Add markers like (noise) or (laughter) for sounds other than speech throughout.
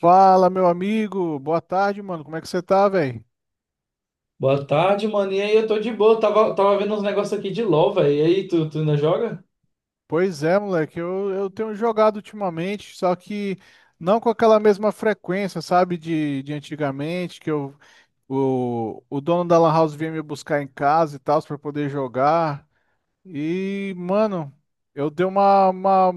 Fala, meu amigo. Boa tarde, mano. Como é que você tá, velho? Boa tarde, mano. E aí, eu tô de boa. Tava vendo uns negócios aqui de LOL, velho. E aí, tu ainda joga? Pois é, moleque. Eu tenho jogado ultimamente, só que não com aquela mesma frequência, sabe, de antigamente, que eu, o dono da Lan House vinha me buscar em casa e tal, pra poder jogar. E, mano, eu dei uma-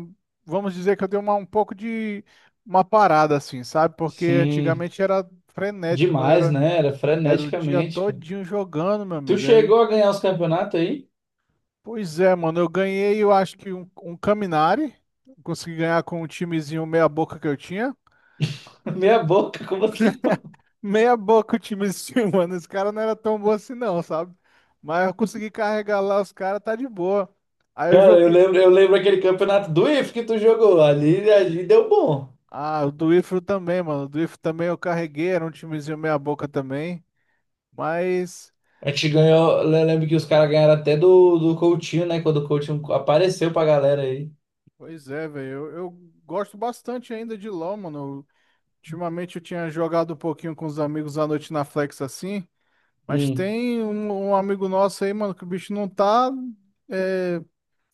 vamos dizer que eu dei uma, um pouco de uma parada, assim, sabe? Porque Sim, antigamente era frenético, mano. demais, Era, né? Era era o dia freneticamente, cara. todinho jogando, meu Tu amigo. chegou a ganhar os campeonatos aí? Pois é, mano, eu ganhei, eu acho que um Caminari. Consegui ganhar com um timezinho meia boca que eu tinha. (laughs) Meia boca, como assim? Meia boca o timezinho, (laughs) mano. Esse cara não era tão bom assim não, sabe? Mas eu consegui carregar lá os caras, tá de boa. Aí eu Cara, eu joguei. lembro, eu lembro aquele campeonato do IF que tu jogou. Ali deu bom. Ah, o do Ifro também, mano. O do Ifro também eu carreguei, era um timezinho meia boca também. Mas, A gente ganhou. Eu lembro que os caras ganharam até do Coutinho, né? Quando o Coutinho apareceu pra galera aí. pois é, velho. Eu gosto bastante ainda de LoL, mano. Ultimamente eu tinha jogado um pouquinho com os amigos à noite na Flex assim. Mas Hum. tem um amigo nosso aí, mano, que o bicho não tá, é,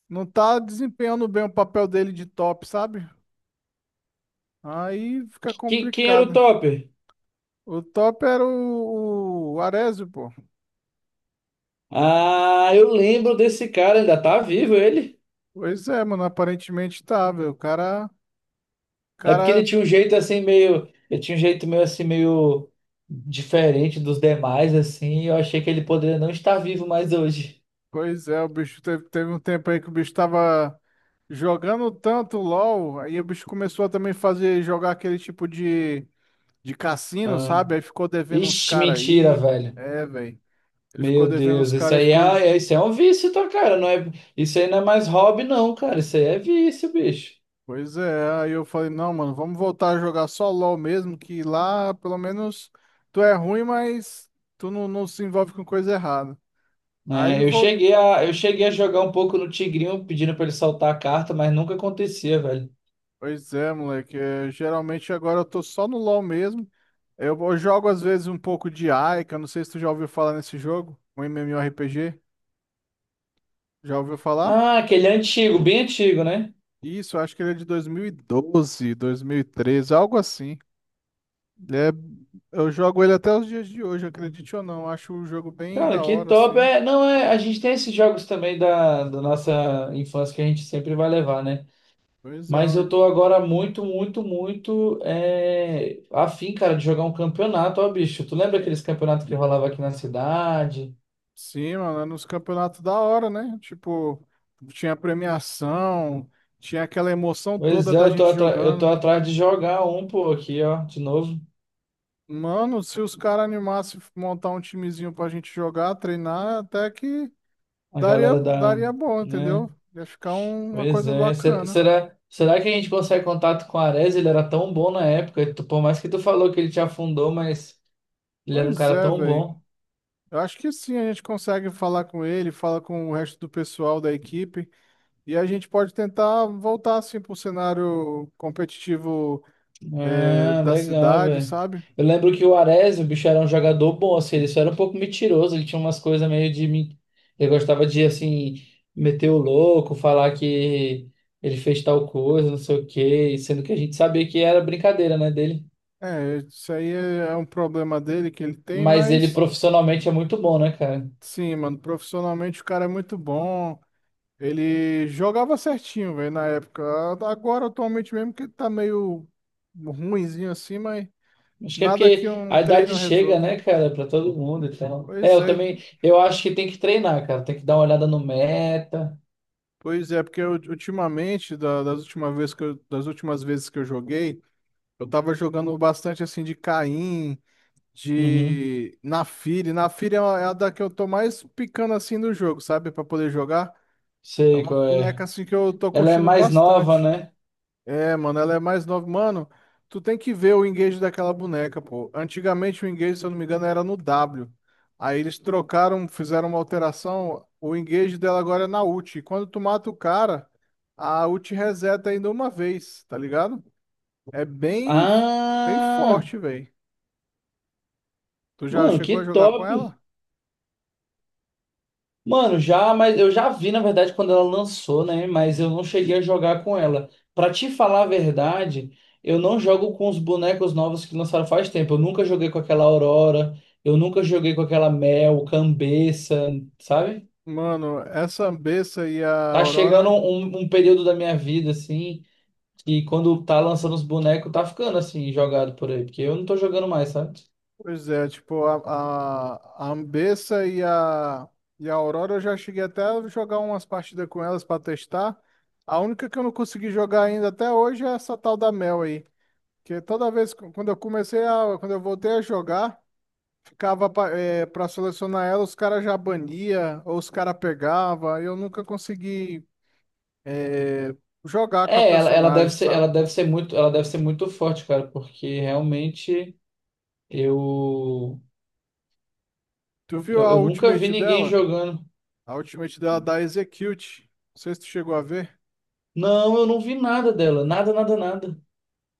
não tá desempenhando bem o papel dele de top, sabe? Aí fica Quem era o complicado. topper? O top era o Arezzo, pô. Ah, eu lembro desse cara. Ainda tá vivo ele? Pois é, mano, aparentemente tá, velho. É porque cara, ele tinha um jeito meio assim meio diferente dos demais assim, e eu achei que ele poderia não estar vivo mais hoje. pois é, o bicho teve um tempo aí que o bicho tava jogando tanto LOL, aí o bicho começou a também fazer, jogar aquele tipo de cassino, Ah. sabe? Aí ficou devendo uns Ixi, caras mentira, aí. velho. É, velho. Ele ficou Meu devendo Deus, os isso caras e aí ficou. Isso é um vício, tá, cara? Não é, isso aí não é mais hobby não, cara. Isso aí é vício, bicho. Pois é, aí eu falei, não, mano, vamos voltar a jogar só LOL mesmo, que lá pelo menos tu é ruim, mas tu não, não se envolve com coisa errada. Aí ele Né? eu voltou. cheguei a, eu cheguei a jogar um pouco no Tigrinho pedindo pra ele soltar a carta, mas nunca acontecia, velho. Pois é, moleque, é, geralmente agora eu tô só no LOL mesmo. Eu jogo às vezes um pouco de Aika, não sei se tu já ouviu falar nesse jogo, um MMORPG. Já ouviu falar? Ah, aquele antigo, bem antigo, né? Isso, eu acho que ele é de 2012, 2013, algo assim. É, eu jogo ele até os dias de hoje, acredite ou não. Acho o jogo bem Cara, da que hora, top. assim. É, não, é, a gente tem esses jogos também da, nossa infância que a gente sempre vai levar, né? Pois é, Mas eu um- tô agora muito, muito, muito afim, cara, de jogar um campeonato, ó, bicho. Tu lembra aqueles campeonatos que rolava aqui na cidade? sim, mano, é nos campeonatos da hora, né? Tipo, tinha premiação, tinha aquela emoção Pois toda é, da eu tô, gente jogando. atrás de jogar um, pô, aqui, ó, de novo. Mano, se os caras animassem montar um timezinho pra gente jogar, treinar, até que A daria, galera da, daria bom, né? entendeu? Ia ficar uma Pois coisa é. Será, bacana. será, será que a gente consegue contato com o Ares? Ele era tão bom na época. Por mais que tu falou que ele te afundou, mas ele era um Pois cara é, tão velho. bom. Eu acho que sim, a gente consegue falar com ele, fala com o resto do pessoal da equipe. E a gente pode tentar voltar assim para o cenário competitivo Ah, da legal, cidade, velho. sabe? Eu lembro que o Arezzo, o bicho era um jogador bom, assim, ele só era um pouco mentiroso, ele tinha umas coisas meio de mim. Ele gostava de, assim, meter o louco, falar que ele fez tal coisa, não sei o quê, sendo que a gente sabia que era brincadeira, né, dele. É, isso aí é um problema dele que ele tem, Mas ele mas profissionalmente é muito bom, né, cara? sim, mano, profissionalmente o cara é muito bom. Ele jogava certinho, velho, na época. Agora, atualmente mesmo, que ele tá meio ruinzinho assim, mas Acho que é nada que porque um a treino idade chega, resolva. né, cara, pra todo mundo e tal. É, Pois eu é, também, eu acho que tem que treinar, cara, tem que dar uma olhada no meta. pois é, porque ultimamente, das últimas vezes que eu, das últimas vezes que eu joguei, eu tava jogando bastante assim de Caim, Uhum, de Naafiri. Naafiri é é a da que eu tô mais picando assim do jogo, sabe? Pra poder jogar. É sei uma qual é. boneca assim que eu tô Ela é curtindo mais nova, bastante. né? É, mano, ela é mais nova. Mano, tu tem que ver o engage daquela boneca, pô. Antigamente o engage, se eu não me engano, era no W. Aí eles trocaram, fizeram uma alteração. O engage dela agora é na ult. E quando tu mata o cara, a ult reseta ainda uma vez, tá ligado? É bem, bem Ah, forte, velho. Tu já mano, chegou a que jogar com top. ela? Mano, já, mas eu já vi, na verdade, quando ela lançou, né? Mas eu não cheguei a jogar com ela. Pra te falar a verdade, eu não jogo com os bonecos novos que lançaram faz tempo. Eu nunca joguei com aquela Aurora, eu nunca joguei com aquela Mel, Cambeça, sabe? Mano, essa Ambessa e a Tá chegando Aurora, um período da minha vida, assim, que quando tá lançando os bonecos, tá ficando assim, jogado por aí, porque eu não tô jogando mais, sabe? pois é, tipo, a Ambessa e a Aurora eu já cheguei até a jogar umas partidas com elas pra testar. A única que eu não consegui jogar ainda até hoje é essa tal da Mel aí. Que toda vez, quando eu comecei a, quando eu voltei a jogar, ficava pra selecionar ela, os caras já bania, ou os caras pegava, e eu nunca consegui eh, jogar com a É, ela deve personagem, ser, sabe? ela deve ser muito forte, cara, porque realmente eu, Tu viu eu, a eu nunca vi ultimate ninguém dela? jogando. A ultimate dela dá Execute. Não sei se tu chegou a ver. Não, eu não vi nada dela, nada, nada, nada.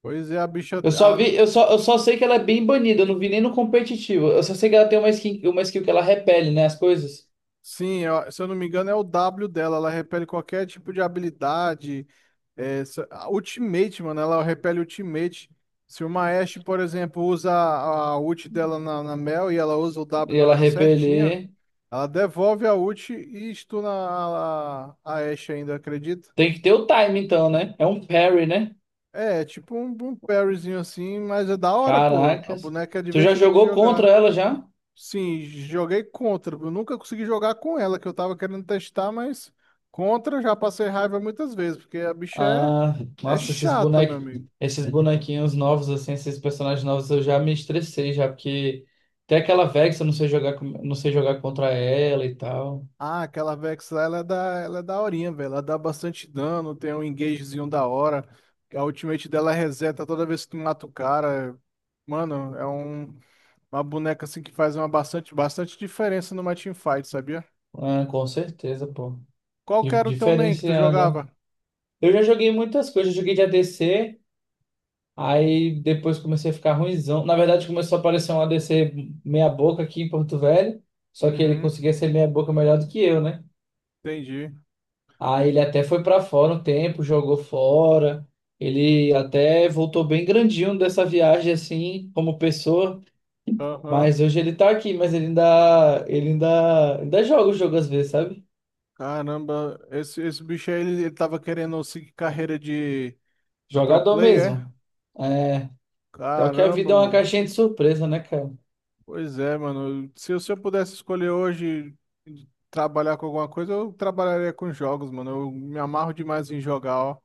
Pois é, a bicha. Eu só A- vi, eu só sei que ela é bem banida, eu não vi nem no competitivo. Eu só sei que ela tem uma skin, uma skill que ela repele, né, as coisas. Sim, se eu não me engano, é o W dela. Ela repele qualquer tipo de habilidade. É, a Ultimate, mano, ela repele Ultimate. Se uma Ashe, por exemplo, usa a ult dela na, na Mel e ela usa o W E na ela hora certinha, repelir, ela devolve a ult e stuna a Ashe ainda, acredita? tem que ter o time então, né? É um parry, né? É, é tipo um parryzinho assim, mas é da hora, pô. A Caracas. boneca é Tu já divertida de jogou contra jogar. ela já? Sim, joguei contra. Eu nunca consegui jogar com ela, que eu tava querendo testar, mas contra eu já passei raiva muitas vezes, porque a bicha Ah, é nossa, chata, meu amigo. esses bonequinhos novos, assim, esses personagens novos, eu já me estressei já, porque tem aquela Vex, eu não sei jogar, não sei jogar contra ela e tal. Ah, aquela Vex lá, ela é daorinha, velho. Ela dá bastante dano, tem um engagezinho da hora. A ultimate dela é reseta toda vez que tu mata o cara. Mano, uma boneca assim que faz uma bastante, bastante diferença numa teamfight, sabia? Ah, com certeza, pô. Qual que era o teu main que tu Diferenciando, ó. jogava? Eu já joguei muitas coisas, eu joguei de ADC, aí depois comecei a ficar ruinzão. Na verdade, começou a aparecer um ADC meia boca aqui em Porto Velho, só que ele Uhum, conseguia ser meia boca melhor do que eu, né? entendi. Aí ele até foi pra fora um tempo, jogou fora. Ele até voltou bem grandinho dessa viagem assim, como pessoa, Aham. mas hoje ele tá aqui, mas ele ainda joga o jogo às vezes, sabe? Caramba, esse bicho aí, ele tava querendo seguir carreira de pro Jogador player, é? mesmo. É, só que a Caramba, vida é uma mano. caixinha de surpresa, né, cara? Pois é, mano. Se eu pudesse escolher hoje de trabalhar com alguma coisa, eu trabalharia com jogos, mano. Eu me amarro demais em jogar, ó.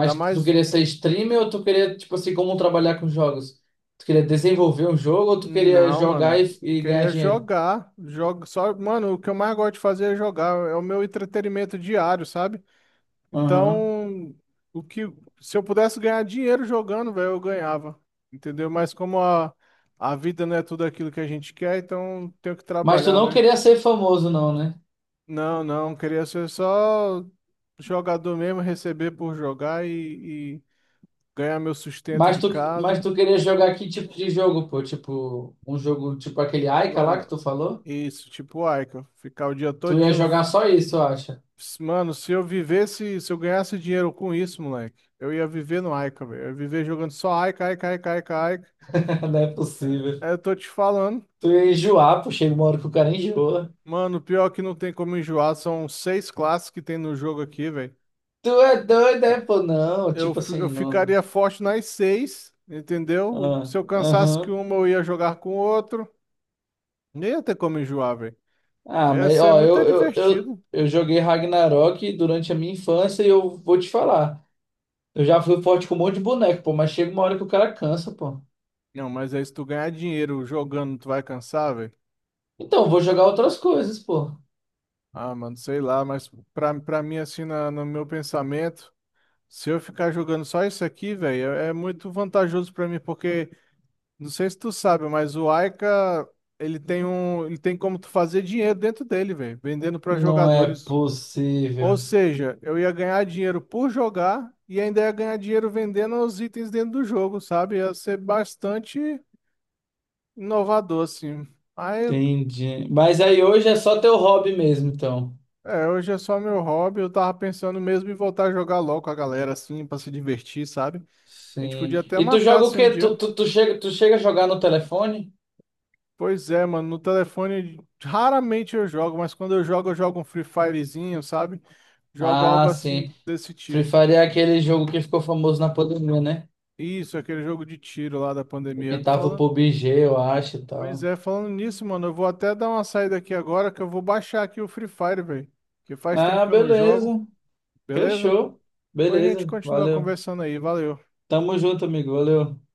Dá tu mais. queria ser streamer ou tu queria, tipo assim, como trabalhar com jogos? Tu queria desenvolver um jogo ou tu queria Não, jogar mano. e ganhar Queria dinheiro? jogar. Jogo só, mano, o que eu mais gosto de fazer é jogar. É o meu entretenimento diário, sabe? Aham. Então, o que se eu pudesse ganhar dinheiro jogando, velho, eu ganhava, entendeu? Mas como a vida não é tudo aquilo que a gente quer, então tenho que Mas tu trabalhar, não né? queria ser famoso, não, né? Não, não, queria ser só jogador mesmo, receber por jogar e ganhar meu sustento Mas de tu, mas casa. tu queria jogar que tipo de jogo, pô? Tipo, um jogo tipo aquele Aika lá que Mano, tu falou? isso, tipo, o Aika, ficar o dia Tu ia todinho. jogar só isso, eu acho. Mano, se eu vivesse, se eu ganhasse dinheiro com isso, moleque, eu ia viver no Aika, velho. Eu ia viver jogando só Aika, Aika, Aika, Aika, Aika. (laughs) Não é possível. É, eu tô te falando. Tu ia enjoar, pô. Chega uma hora que o cara enjoa. Mano, pior que não tem como enjoar, são seis classes que tem no jogo aqui, velho. Tu é doido, é, pô? Não, Eu, tipo fi- eu assim, não. ficaria forte nas seis, entendeu? Se Ah, eu cansasse que aham. uma, eu ia jogar com outro. Nem ia ter como enjoar, velho. Ah, mas Esse é ó, muito eu, eu, eu, divertido. eu joguei Ragnarok durante a minha infância e eu vou te falar. Eu já fui forte com um monte de boneco, pô, mas chega uma hora que o cara cansa, pô. Não, mas aí se tu ganhar dinheiro jogando, tu vai cansar, velho? Então, eu vou jogar outras coisas, pô. Ah, mano, sei lá, mas pra mim, assim, no meu pensamento, se eu ficar jogando só isso aqui, velho, é muito vantajoso pra mim, porque. Não sei se tu sabe, mas o Aika, ele tem como tu fazer dinheiro dentro dele, velho, vendendo para Não é jogadores. Ou possível. seja, eu ia ganhar dinheiro por jogar e ainda ia ganhar dinheiro vendendo os itens dentro do jogo, sabe? Ia ser bastante inovador, assim. Aí, Entendi. Mas aí hoje é só teu hobby mesmo, então. é, hoje é só meu hobby, eu tava pensando mesmo em voltar a jogar LOL com a galera, assim, pra se divertir, sabe? A gente Sim. podia até E tu marcar, joga o assim, um quê? Tu, dia. tu, tu chega, tu chega a jogar no telefone? Pois é, mano, no telefone raramente eu jogo, mas quando eu jogo um Free Firezinho, sabe? Jogo algo Ah, sim. assim desse Free tipo. Fire é aquele jogo que ficou famoso na pandemia, né? Isso, aquele jogo de tiro lá da pandemia. Imitava o Falando... PUBG, eu acho e Pois tal. é, falando nisso, mano, eu vou até dar uma saída aqui agora que eu vou baixar aqui o Free Fire, velho. Que faz tempo Ah, que eu não jogo, beleza. beleza? Fechou. Depois a gente Beleza. continua Valeu. conversando aí, valeu. Tamo junto, amigo. Valeu.